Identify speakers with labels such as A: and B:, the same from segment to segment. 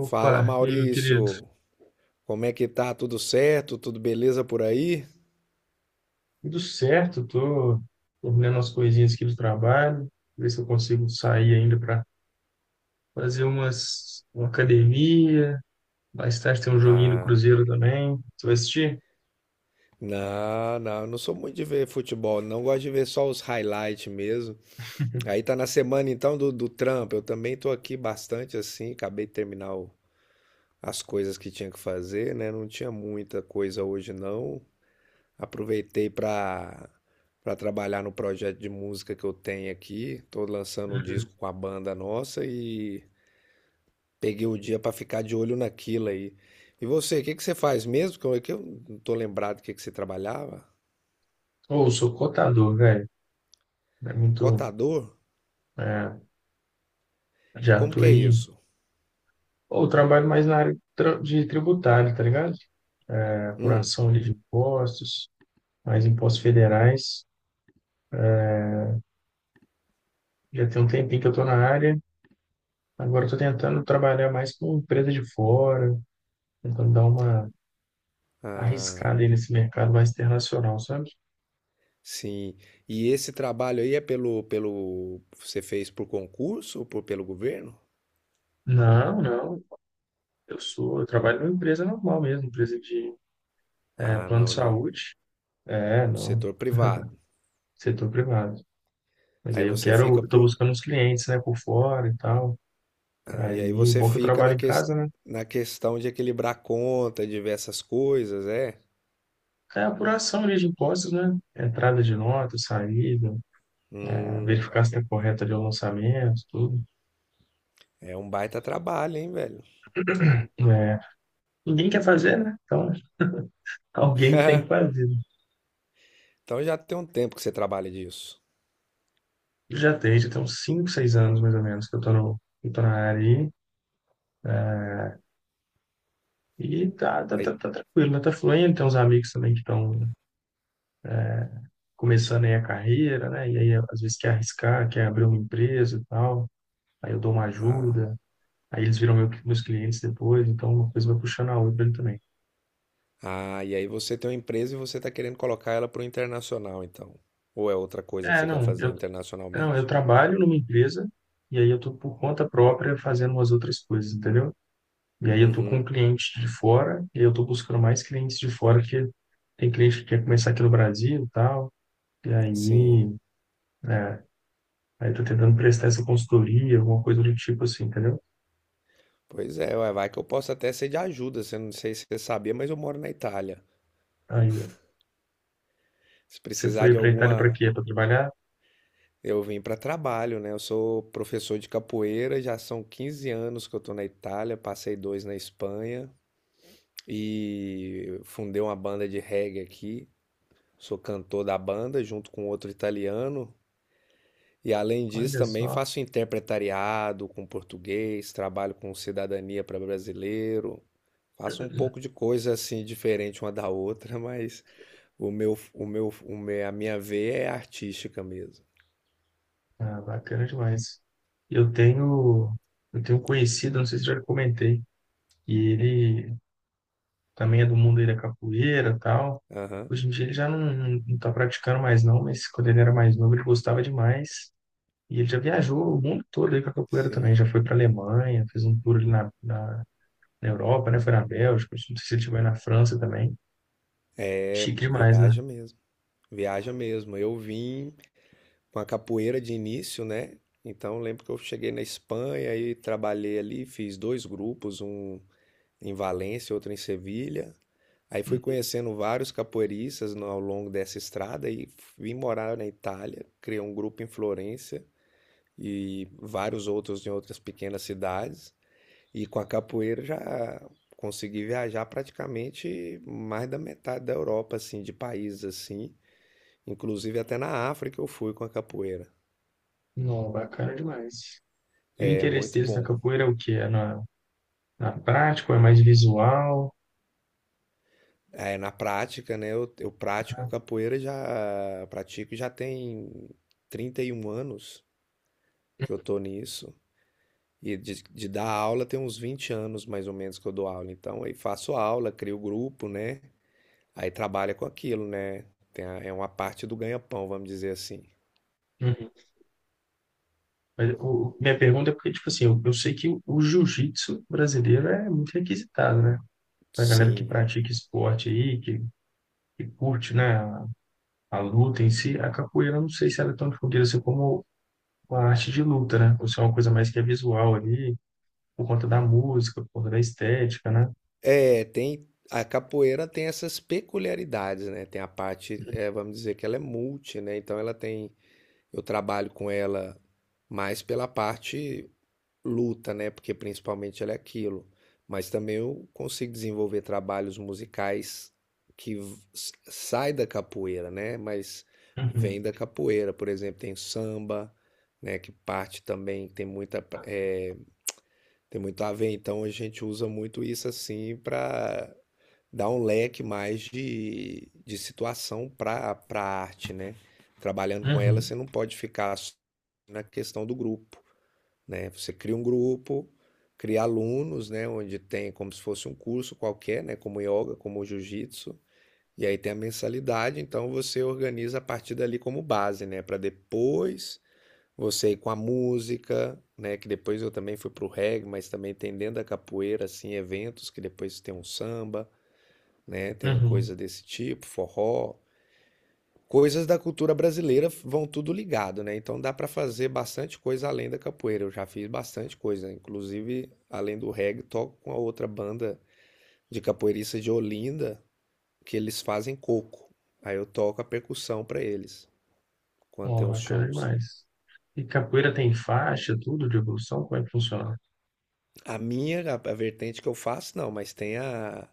A: Fala
B: e aí, meu querido?
A: Maurício, como é que tá? Tudo certo? Tudo beleza por aí?
B: Tudo certo, tô terminando as coisinhas aqui do trabalho, ver se eu consigo sair ainda para fazer uma academia. Mais tarde tem um joguinho do
A: Ah,
B: Cruzeiro também. Você vai assistir?
A: não, não, eu não sou muito de ver futebol, não gosto de ver só os highlights mesmo. Aí tá na semana então do Trump, eu também tô aqui bastante assim, acabei de as coisas que tinha que fazer, né? Não tinha muita coisa hoje não. Aproveitei pra para trabalhar no projeto de música que eu tenho aqui. Tô lançando um
B: Uhum.
A: disco com a banda nossa e peguei o dia para ficar de olho naquilo aí. E você, o que que você faz mesmo? Que eu não tô lembrado o que que você trabalhava.
B: Ou sou cotador, velho. É muito.
A: Cotador?
B: É,
A: E
B: já
A: como
B: tô
A: que é
B: aí.
A: isso?
B: Ou trabalho mais na área de tributário, tá ligado? É,
A: Hum,
B: apuração ali de impostos, mais impostos federais. Já tem um tempinho que eu tô na área. Agora eu tô tentando trabalhar mais com empresa de fora. Tentando dar uma
A: ah,
B: arriscada aí nesse mercado mais internacional, sabe?
A: sim. E esse trabalho aí é pelo, você fez por concurso ou pelo governo?
B: Não, não. Eu trabalho numa empresa normal mesmo, empresa de
A: Ah,
B: plano de
A: no
B: saúde. É, não,
A: setor privado.
B: setor privado. Mas
A: Aí
B: aí eu
A: você fica
B: quero, eu tô
A: por,
B: buscando uns clientes, né, por fora e tal.
A: ah,
B: Aí,
A: e aí você
B: bom que eu
A: fica
B: trabalho em casa, né?
A: na questão de equilibrar conta, diversas coisas, é?
B: É a apuração ali de impostos, né? Entrada de nota, saída, é,
A: Hum,
B: verificar se está correta ali o lançamento, tudo.
A: é um baita trabalho, hein, velho?
B: É, ninguém quer fazer, né? Então, alguém tem que fazer.
A: Então já tem um tempo que você trabalha disso.
B: Já tem uns 5 6 anos mais ou menos que eu tô, no, que eu tô na área aí. E tá, tá,
A: Aí-
B: tá, tá tranquilo, né? Tá fluindo. Tem uns amigos também que estão começando aí a carreira, né? E aí às vezes quer arriscar, quer abrir uma empresa e tal. Aí eu dou uma
A: ah,
B: ajuda. Aí eles viram meus clientes depois. Então uma coisa vai puxando a outra ali também.
A: e aí você tem uma empresa e você está querendo colocar ela para o internacional, então. Ou é outra coisa que
B: É,
A: você quer
B: não,
A: fazer
B: eu, não, eu
A: internacionalmente?
B: trabalho numa empresa e aí eu tô por conta própria fazendo umas outras coisas, entendeu? E aí eu tô com um
A: Uhum,
B: cliente de fora, e aí eu tô buscando mais clientes de fora, que tem cliente que quer começar aqui no Brasil e tal. E
A: sim.
B: aí, é, aí tô tentando prestar essa consultoria, alguma coisa do tipo assim, entendeu?
A: Pois é, ué, vai que eu posso até ser de ajuda. Você não sei se você sabia, mas eu moro na Itália.
B: Aí, ó,
A: Se
B: você
A: precisar
B: foi
A: de
B: para Itália para
A: alguma.
B: quê? Para trabalhar?
A: Eu vim para trabalho, né? Eu sou professor de capoeira, já são 15 anos que eu tô na Itália, passei dois na Espanha e fundei uma banda de reggae aqui. Sou cantor da banda junto com outro italiano. E além disso,
B: Olha
A: também
B: só,
A: faço interpretariado com português, trabalho com cidadania para brasileiro, faço um pouco de coisa assim diferente uma da outra, mas o meu, o meu, o me- a minha veia é artística mesmo.
B: ah, bacana demais. Eu tenho, eu tenho um conhecido, não sei se já comentei, e ele também é do mundo aí da capoeira e tal.
A: Aham,
B: Hoje em dia ele já não, não tá praticando mais não, mas quando ele era mais novo ele gostava demais. E ele já viajou o mundo todo aí com a capoeira também.
A: sim,
B: Já foi para a Alemanha, fez um tour ali na Europa, né? Foi na Bélgica, não sei se ele chegou aí na França também.
A: é
B: Chique demais, né?
A: viaja mesmo, viaja mesmo. Eu vim com a capoeira de início, né? Então eu lembro que eu cheguei na Espanha e trabalhei ali, fiz dois grupos, um em Valência, outra em Sevilha. Aí fui conhecendo vários capoeiristas ao longo dessa estrada e vim morar na Itália, criei um grupo em Florença e vários outros em outras pequenas cidades. E com a capoeira já consegui viajar praticamente mais da metade da Europa, assim, de países assim. Inclusive até na África eu fui com a capoeira.
B: Não, bacana demais. E o
A: É
B: interesse
A: muito
B: deles na
A: bom.
B: capoeira é o quê? É na prática, ou é mais visual?
A: É, na prática, né, eu pratico capoeira já pratico já tem 31 anos. Que eu tô nisso. E de dar aula tem uns 20 anos mais ou menos que eu dou aula. Então, aí faço aula, crio grupo, né? Aí trabalha com aquilo, né? Tem é uma parte do ganha-pão, vamos dizer assim.
B: Uhum. Mas minha pergunta é porque, tipo assim, eu sei que o jiu-jitsu brasileiro é muito requisitado, né? Pra galera que
A: Sim.
B: pratica esporte aí, que curte, né, a luta em si, a capoeira, eu não sei se ela é tão difundida assim como com a arte de luta, né? Por ser uma coisa mais que é visual ali, por conta da música, por conta da estética, né?
A: É, tem. A capoeira tem essas peculiaridades, né? Tem a parte, é, vamos dizer que ela é multi, né? Então ela tem. Eu trabalho com ela mais pela parte luta, né? Porque principalmente ela é aquilo. Mas também eu consigo desenvolver trabalhos musicais que sai da capoeira, né? Mas vem
B: Uhum,
A: da capoeira. Por exemplo, tem samba, né? Que parte também tem tem muito a ver. Então a gente usa muito isso assim para dar um leque mais de situação para arte, né? Trabalhando com ela,
B: uhum,
A: você não pode ficar só na questão do grupo né? Você cria um grupo, cria alunos, né? Onde tem como se fosse um curso qualquer, né? Como yoga, como jiu-jitsu. E aí tem a mensalidade, então você organiza a partir dali como base, né? Para depois você ir com a música, né? Que depois eu também fui pro reggae, mas também tem dentro da capoeira, assim, eventos que depois tem um samba, né? Tem
B: uhum.
A: coisa desse tipo, forró, coisas da cultura brasileira vão tudo ligado, né? Então dá para fazer bastante coisa além da capoeira. Eu já fiz bastante coisa, inclusive além do reggae, toco com a outra banda de capoeiristas de Olinda, que eles fazem coco. Aí eu toco a percussão para eles quando
B: Ó,
A: tem os
B: bacana
A: shows.
B: demais. E capoeira tem faixa, tudo de evolução? Como é que funciona?
A: A vertente que eu faço, não, mas tem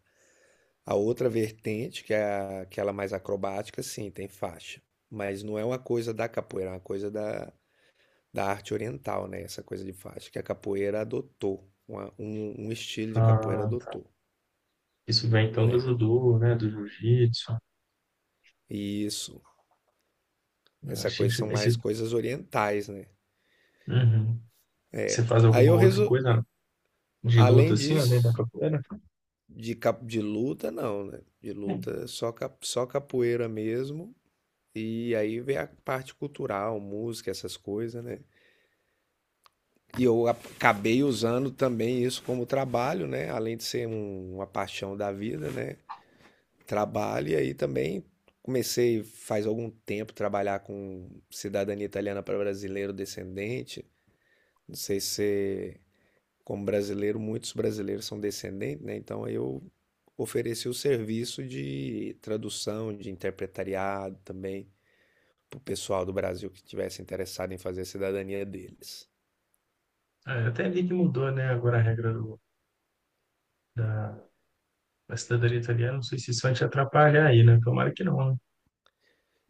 A: a outra vertente, que é aquela mais acrobática, sim, tem faixa. Mas não é uma coisa da capoeira, é uma coisa da arte oriental, né? Essa coisa de faixa que a capoeira adotou, um estilo de capoeira
B: Ah, tá.
A: adotou,
B: Isso vem então do
A: né?
B: judô, né? Do jiu-jitsu.
A: E isso, essa
B: Achei
A: coisa são
B: que esse...
A: mais coisas orientais, né?
B: Uhum. Você faz
A: Aí
B: alguma
A: eu
B: outra
A: resolvi,
B: coisa de luta
A: além
B: assim, além da
A: disso,
B: capoeira?
A: de luta não, né? De
B: Sim.
A: luta só, só capoeira mesmo. E aí vem a parte cultural, música, essas coisas, né? E eu acabei usando também isso como trabalho, né? Além de ser uma paixão da vida, né? Trabalho e aí também comecei faz algum tempo trabalhar com cidadania italiana para brasileiro descendente. Não sei se como brasileiro, muitos brasileiros são descendentes, né? Então eu ofereci o serviço de tradução, de interpretariado também para o pessoal do Brasil que estivesse interessado em fazer a cidadania deles.
B: Ah, eu até vi que mudou, né? Agora a regra da, da cidadania italiana. Não sei se isso vai te atrapalhar aí, né? Tomara que não, né?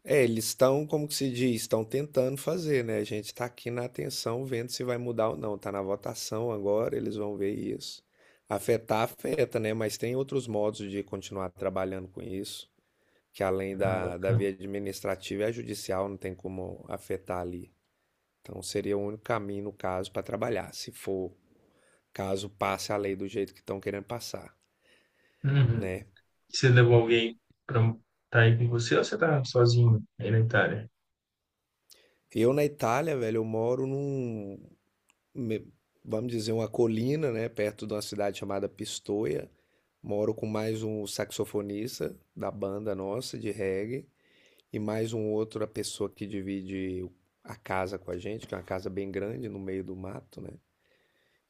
A: É, eles estão, como que se diz, estão tentando fazer, né? A gente está aqui na atenção vendo se vai mudar ou não. Está na votação agora, eles vão ver isso. Afetar, afeta, né? Mas tem outros modos de continuar trabalhando com isso, que além
B: Ah,
A: da
B: bacana.
A: via administrativa é a judicial, não tem como afetar ali. Então seria o único caminho, no caso, para trabalhar, se for caso passe a lei do jeito que estão querendo passar,
B: Uhum.
A: né?
B: Você levou alguém para estar aí com você ou você tá sozinho aí na Itália?
A: Eu na Itália, velho, eu moro me- vamos dizer, uma colina, né, perto de uma cidade chamada Pistoia. Moro com mais um saxofonista da banda nossa de reggae e mais um outro a pessoa que divide a casa com a gente, que é uma casa bem grande no meio do mato, né?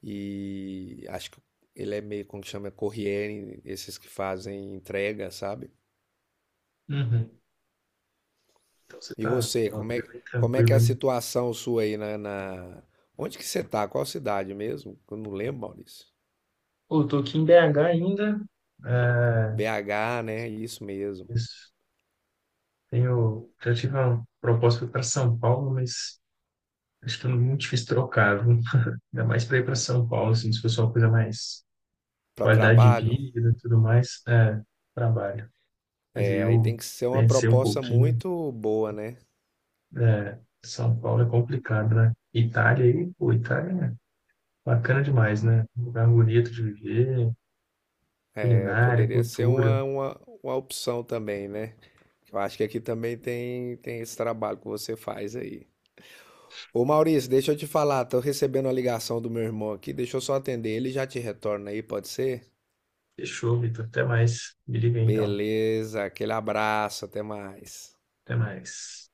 A: E acho que ele é meio como que chama corriere, esses que fazem entrega, sabe?
B: Uhum. Então você
A: E
B: tá
A: você,
B: uma vida bem
A: como é que é
B: tranquila,
A: a
B: hein?
A: situação sua aí na... Onde que você tá? Qual cidade mesmo? Eu não lembro, Maurício.
B: Pô, eu tô aqui em BH ainda. É,
A: BH, né? Isso mesmo.
B: isso. Tenho, já tive uma proposta para São Paulo, mas acho que é muito difícil trocar, viu? Ainda mais para ir para São Paulo, assim, se fosse uma coisa mais
A: Para
B: qualidade de
A: trabalho,
B: vida e tudo mais, é, trabalho. Mas aí
A: é, aí tem
B: eu
A: que ser uma
B: pensei um
A: proposta
B: pouquinho,
A: muito boa, né?
B: é, São Paulo é complicado, né? Itália aí, pô, Itália. Bacana demais, né? Um lugar bonito de viver,
A: É,
B: culinária,
A: poderia ser
B: cultura.
A: uma opção também, né? Eu acho que aqui também tem, tem esse trabalho que você faz aí. Ô Maurício, deixa eu te falar, tô recebendo a ligação do meu irmão aqui, deixa eu só atender ele e já te retorna aí, pode ser?
B: Fechou, Vitor. Até mais. Me liga aí, então.
A: Beleza, aquele abraço, até mais.
B: Até mais.